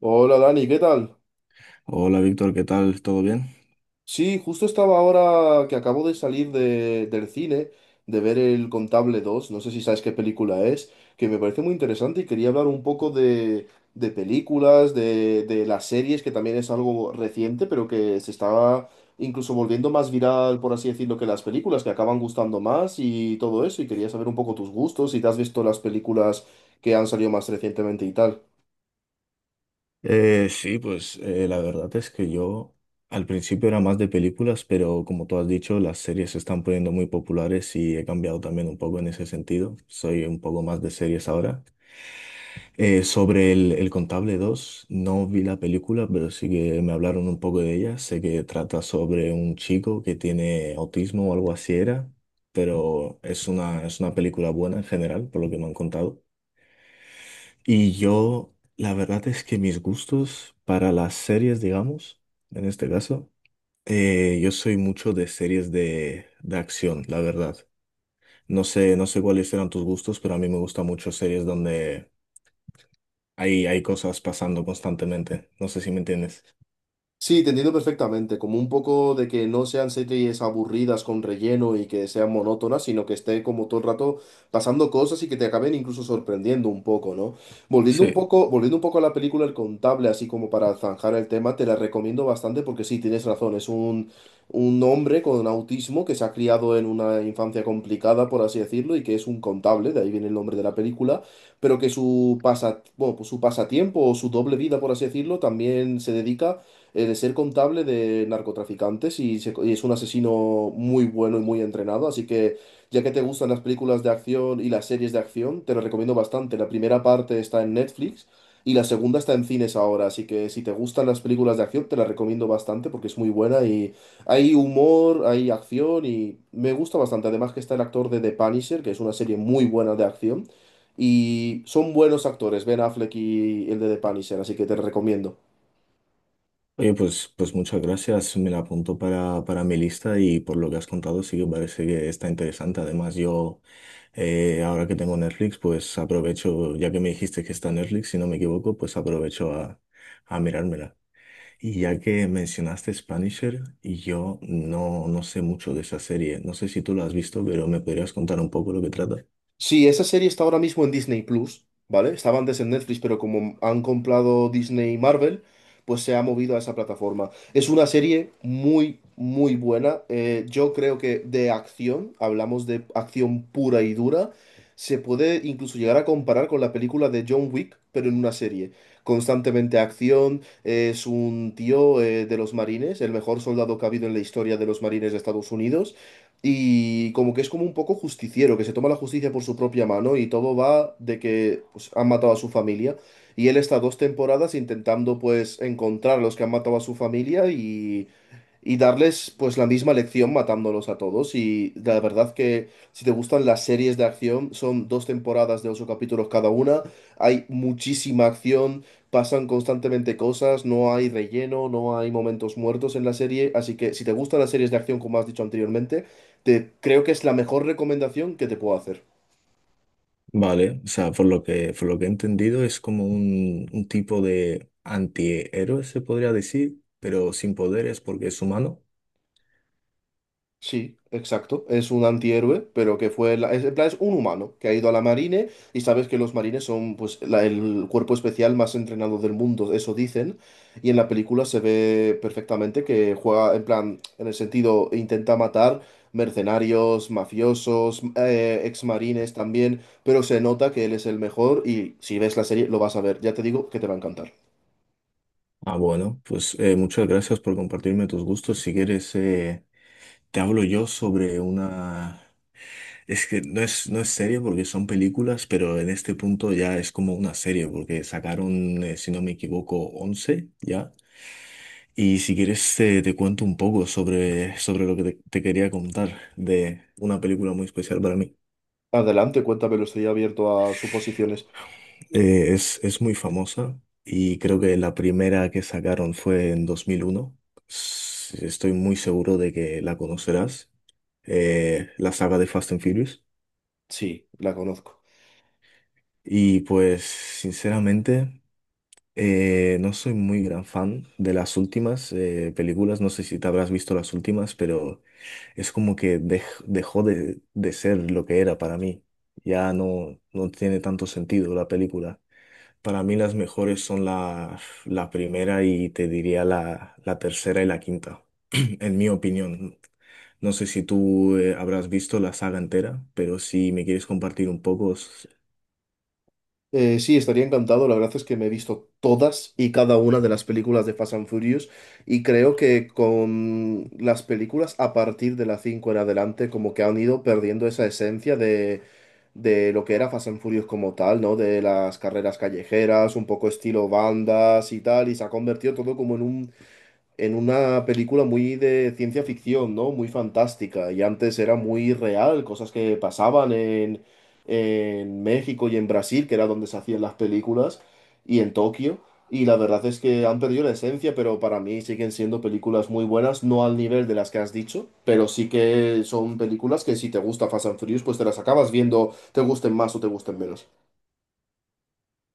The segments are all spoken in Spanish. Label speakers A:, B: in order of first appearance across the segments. A: Hola Dani, ¿qué tal?
B: Hola Víctor, ¿qué tal? ¿Todo bien?
A: Sí, justo estaba ahora que acabo de salir del cine, de ver El Contable dos. No sé si sabes qué película es, que me parece muy interesante y quería hablar un poco de películas, de las series, que también es algo reciente, pero que se estaba incluso volviendo más viral, por así decirlo, que las películas, que acaban gustando más y todo eso, y quería saber un poco tus gustos, si te has visto las películas que han salido más recientemente y tal.
B: Sí, la verdad es que yo al principio era más de películas, pero como tú has dicho, las series se están poniendo muy populares y he cambiado también un poco en ese sentido. Soy un poco más de series ahora. Sobre el Contable 2 no vi la película, pero sí que me hablaron un poco de ella. Sé que trata sobre un chico que tiene autismo o algo así era, pero es una película buena en general, por lo que me han contado. Y yo, la verdad es que mis gustos para las series, digamos, en este caso, yo soy mucho de series de acción, la verdad. No sé cuáles eran tus gustos, pero a mí me gustan mucho series donde hay cosas pasando constantemente. No sé si me entiendes.
A: Sí, te entiendo perfectamente, como un poco de que no sean series aburridas con relleno y que sean monótonas, sino que esté como todo el rato pasando cosas y que te acaben incluso sorprendiendo un poco, ¿no? Volviendo un
B: Sí.
A: poco, volviendo un poco a la película El Contable, así como para zanjar el tema, te la recomiendo bastante porque sí, tienes razón, un hombre con autismo que se ha criado en una infancia complicada, por así decirlo, y que es un contable, de ahí viene el nombre de la película, pero que su pasa, bueno, pues su pasatiempo o su doble vida, por así decirlo, también se dedica, de ser contable de narcotraficantes y, y es un asesino muy bueno y muy entrenado. Así que, ya que te gustan las películas de acción y las series de acción, te lo recomiendo bastante. La primera parte está en Netflix y la segunda está en cines ahora. Así que, si te gustan las películas de acción, te la recomiendo bastante porque es muy buena y hay humor, hay acción y me gusta bastante. Además, que está el actor de The Punisher, que es una serie muy buena de acción. Y son buenos actores, Ben Affleck y el de The Punisher, así que te recomiendo.
B: Oye, pues muchas gracias. Me la apunto para mi lista y por lo que has contado sí que parece que está interesante. Además, yo... Ahora que tengo Netflix, pues aprovecho, ya que me dijiste que está Netflix, si no me equivoco, pues aprovecho a mirármela. Y ya que mencionaste Spanisher, y yo no sé mucho de esa serie. No sé si tú la has visto, pero me podrías contar un poco lo que trata.
A: Sí, esa serie está ahora mismo en Disney Plus, ¿vale? Estaba antes en Netflix, pero como han comprado Disney y Marvel, pues se ha movido a esa plataforma. Es una serie muy, muy buena. Yo creo que de acción, hablamos de acción pura y dura, se puede incluso llegar a comparar con la película de John Wick, pero en una serie. Constantemente acción, es un tío de los marines, el mejor soldado que ha habido en la historia de los marines de Estados Unidos, y como que es como un poco justiciero, que se toma la justicia por su propia mano y todo va de que pues, han matado a su familia. Y él está dos temporadas intentando pues encontrar a los que han matado a su familia y darles pues la misma lección matándolos a todos. Y la verdad que si te gustan las series de acción, son dos temporadas de ocho capítulos cada una, hay muchísima acción, pasan constantemente cosas, no hay relleno, no hay momentos muertos en la serie, así que si te gustan las series de acción como has dicho anteriormente, te creo que es la mejor recomendación que te puedo hacer.
B: Vale, o sea, por por lo que he entendido, es como un tipo de antihéroe, se podría decir, pero sin poderes porque es humano.
A: Sí, exacto. Es un antihéroe, pero que fue... La... Es, en plan, es un humano que ha ido a la marine y sabes que los marines son pues el cuerpo especial más entrenado del mundo, eso dicen. Y en la película se ve perfectamente que juega, en plan, en el sentido, intenta matar mercenarios, mafiosos, exmarines también, pero se nota que él es el mejor y si ves la serie lo vas a ver. Ya te digo que te va a encantar.
B: Ah, bueno, pues muchas gracias por compartirme tus gustos. Si quieres, te hablo yo sobre una... Es que no es serie porque son películas, pero en este punto ya es como una serie porque sacaron, si no me equivoco, 11 ya. Y si quieres cuento un poco sobre, sobre lo que te quería contar de una película muy especial para mí.
A: Adelante, cuéntame, lo estoy abierto a suposiciones.
B: Es muy famosa y creo que la primera que sacaron fue en 2001. Estoy muy seguro de que la conocerás. La saga de Fast and Furious.
A: Sí, la conozco.
B: Y pues, sinceramente, no soy muy gran fan de las últimas películas. No sé si te habrás visto las últimas, pero es como que dejó de ser lo que era para mí. Ya no tiene tanto sentido la película. Para mí las mejores son la primera y te diría la tercera y la quinta, en mi opinión. No sé si tú habrás visto la saga entera, pero si me quieres compartir un poco,
A: Sí, estaría encantado. La verdad es que me he visto todas y cada una de las películas de Fast and Furious y creo que con las películas a partir de la 5 en adelante como que han ido perdiendo esa esencia de lo que era Fast and Furious como tal, ¿no? De las carreras callejeras, un poco estilo bandas y tal, y se ha convertido todo como en un en una película muy de ciencia ficción, ¿no? Muy fantástica. Y antes era muy real, cosas que pasaban en México y en Brasil, que era donde se hacían las películas, y en Tokio. Y la verdad es que han perdido la esencia, pero para mí siguen siendo películas muy buenas, no al nivel de las que has dicho, pero sí que son películas que si te gusta Fast and Furious, pues te las acabas viendo, te gusten más o te gusten menos.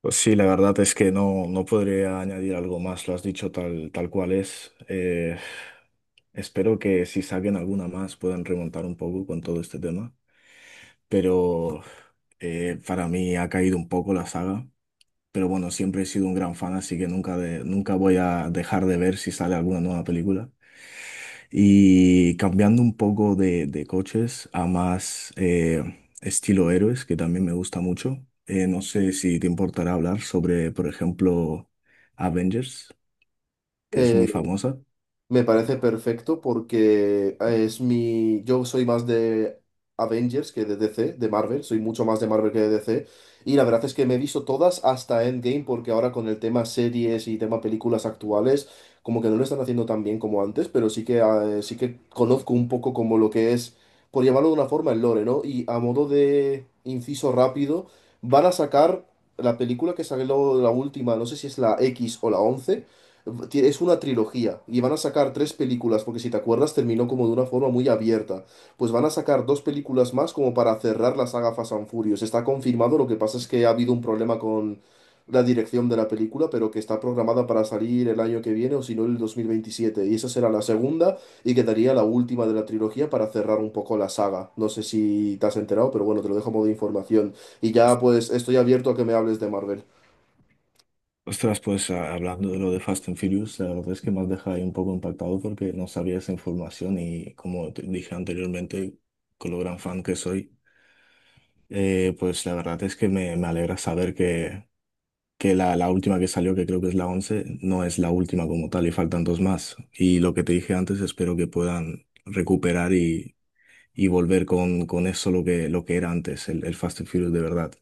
B: pues sí, la verdad es que no podría añadir algo más, lo has dicho tal cual es. Espero que si saquen alguna más puedan remontar un poco con todo este tema, pero para mí ha caído un poco la saga, pero bueno, siempre he sido un gran fan, así que nunca, nunca voy a dejar de ver si sale alguna nueva película. Y cambiando un poco de coches a más estilo héroes, que también me gusta mucho. No sé si te importará hablar sobre, por ejemplo, Avengers, que es muy
A: Eh,
B: famosa.
A: Me parece perfecto porque es mi. Yo soy más de Avengers que de DC, de Marvel. Soy mucho más de Marvel que de DC. Y la verdad es que me he visto todas hasta Endgame, porque ahora con el tema series y tema películas actuales, como que no lo están haciendo tan bien como antes, pero sí que conozco un poco como lo que es, por llamarlo de una forma, el lore, ¿no? Y a modo de inciso rápido, van a sacar la película que salió la última, no sé si es la X o la once, es una trilogía y van a sacar tres películas, porque si te acuerdas terminó como de una forma muy abierta. Pues van a sacar dos películas más como para cerrar la saga Fast and Furious. Está confirmado, lo que pasa es que ha habido un problema con la dirección de la película, pero que está programada para salir el año que viene o si no el 2027. Y esa será la segunda y quedaría la última de la trilogía para cerrar un poco la saga. No sé si te has enterado, pero bueno, te lo dejo a modo de información. Y ya
B: Os-
A: pues estoy abierto a que me hables de Marvel.
B: Ostras, pues hablando de lo de Fast and Furious, la verdad es que me has dejado ahí un poco impactado porque no sabía esa información y como te dije anteriormente, con lo gran fan que soy, pues la verdad es que me alegra saber que la última que salió, que creo que es la 11 no es la última como tal y faltan dos más. Y lo que te dije antes, espero que puedan recuperar y volver con eso lo que era antes, el Fast and Furious de verdad.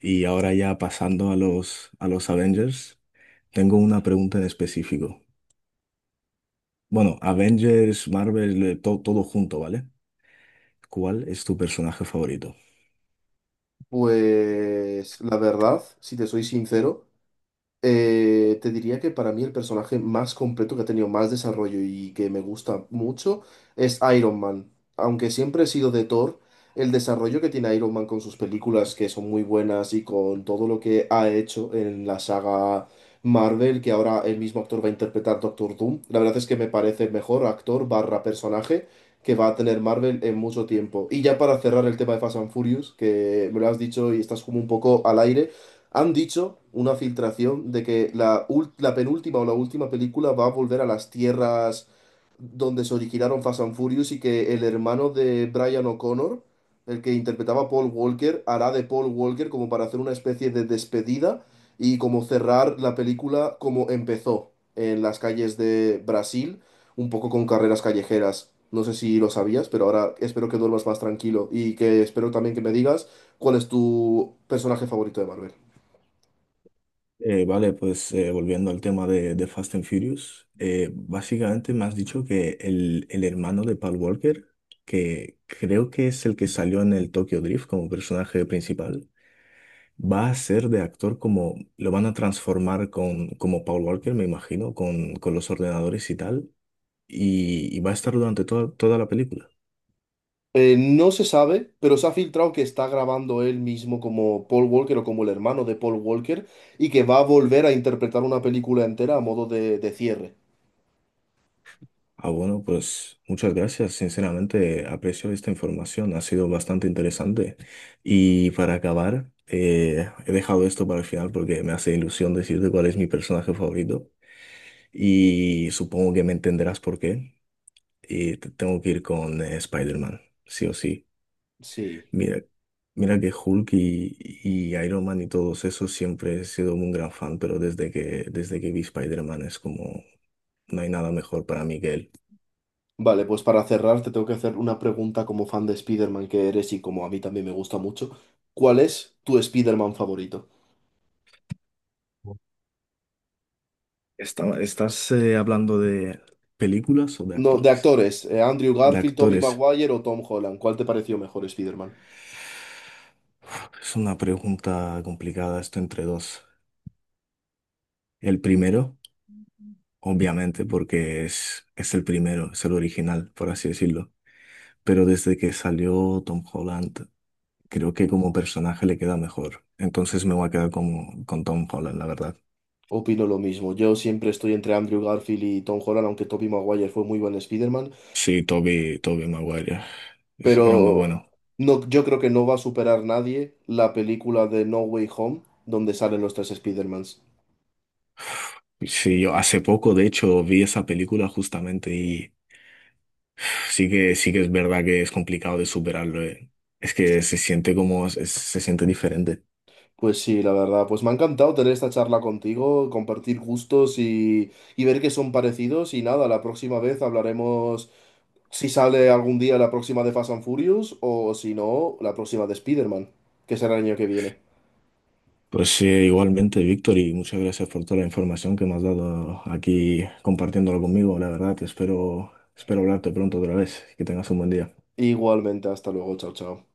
B: Y ahora ya pasando a a los Avengers, tengo una pregunta en específico. Bueno, Avengers, Marvel, todo junto, ¿vale? ¿Cuál es tu personaje favorito?
A: Pues la verdad, si te soy sincero, te diría que para mí el personaje más completo que ha tenido más desarrollo y que me gusta mucho es Iron Man. Aunque siempre he sido de Thor, el desarrollo que tiene Iron Man con sus películas que son muy buenas y con todo lo que ha hecho en la saga Marvel, que ahora el mismo actor va a interpretar Doctor Doom, la verdad es que me parece el mejor actor barra personaje que va a tener Marvel en mucho tiempo. Y ya para cerrar el tema de Fast and Furious, que me lo has dicho y estás como un poco al aire. Han dicho una filtración de que la penúltima o la última película va a volver a las tierras donde se originaron Fast and Furious y que el hermano de Brian O'Connor, el que interpretaba a Paul Walker, hará de Paul Walker como para hacer una especie de despedida y como cerrar la película como empezó en las calles de Brasil, un poco con carreras callejeras. No sé si lo sabías, pero ahora espero que duermas más tranquilo y que espero también que me digas cuál es tu personaje favorito de Marvel.
B: Vale, pues volviendo al tema de Fast and Furious, básicamente me has dicho que el hermano de Paul Walker, que creo que es el que salió en el Tokyo Drift como personaje principal, va a ser de actor como, lo van a transformar con, como Paul Walker, me imagino, con los ordenadores y tal, y va a estar durante toda la película.
A: No se sabe, pero se ha filtrado que está grabando él mismo como Paul Walker o como el hermano de Paul Walker y que va a volver a interpretar una película entera a modo de cierre.
B: Ah, bueno, pues muchas gracias. Sinceramente, aprecio esta información. Ha sido bastante interesante. Y para acabar, he dejado esto para el final porque me hace ilusión decirte cuál es mi personaje favorito. Y supongo que me entenderás por qué. Y tengo que ir con Spider-Man, sí o sí.
A: Sí.
B: Mira, mira que Hulk y Iron Man y todos esos siempre he sido un gran fan, pero desde desde que vi Spider-Man es como no hay nada mejor para mí que él.
A: Vale, pues para cerrar te tengo que hacer una pregunta como fan de Spider-Man que eres y como a mí también me gusta mucho. ¿Cuál es tu Spider-Man favorito?
B: ¿Estás hablando de películas o de
A: No, de
B: actores?
A: actores, Andrew
B: De
A: Garfield, Tobey
B: actores.
A: Maguire o Tom Holland. ¿Cuál te pareció mejor Spider-Man?
B: Es una pregunta complicada esto entre dos. El primero, obviamente, porque es el primero, es el original, por así decirlo. Pero desde que salió Tom Holland, creo que como personaje le queda mejor. Entonces me voy a quedar como, con Tom Holland, la verdad.
A: Opino lo mismo. Yo siempre estoy entre Andrew Garfield y Tom Holland, aunque Tobey Maguire fue muy buen Spider-Man.
B: Sí, Toby Maguire. Era muy
A: Pero
B: bueno.
A: no, yo creo que no va a superar nadie la película de No Way Home, donde salen los tres Spider-Mans.
B: Sí, yo hace poco, de hecho, vi esa película justamente. Sí que es verdad que es complicado de superarlo, eh. Es que se siente como, se siente diferente.
A: Pues sí, la verdad, pues me ha encantado tener esta charla contigo, compartir gustos y ver que son parecidos. Y nada, la próxima vez hablaremos si sale algún día la próxima de Fast and Furious o si no, la próxima de Spider-Man, que será el año que viene.
B: Pues igualmente, Víctor, y muchas gracias por toda la información que me has dado aquí compartiéndolo conmigo. La verdad, espero, espero hablarte pronto otra vez. Que tengas un buen día.
A: Igualmente, hasta luego, chao, chao.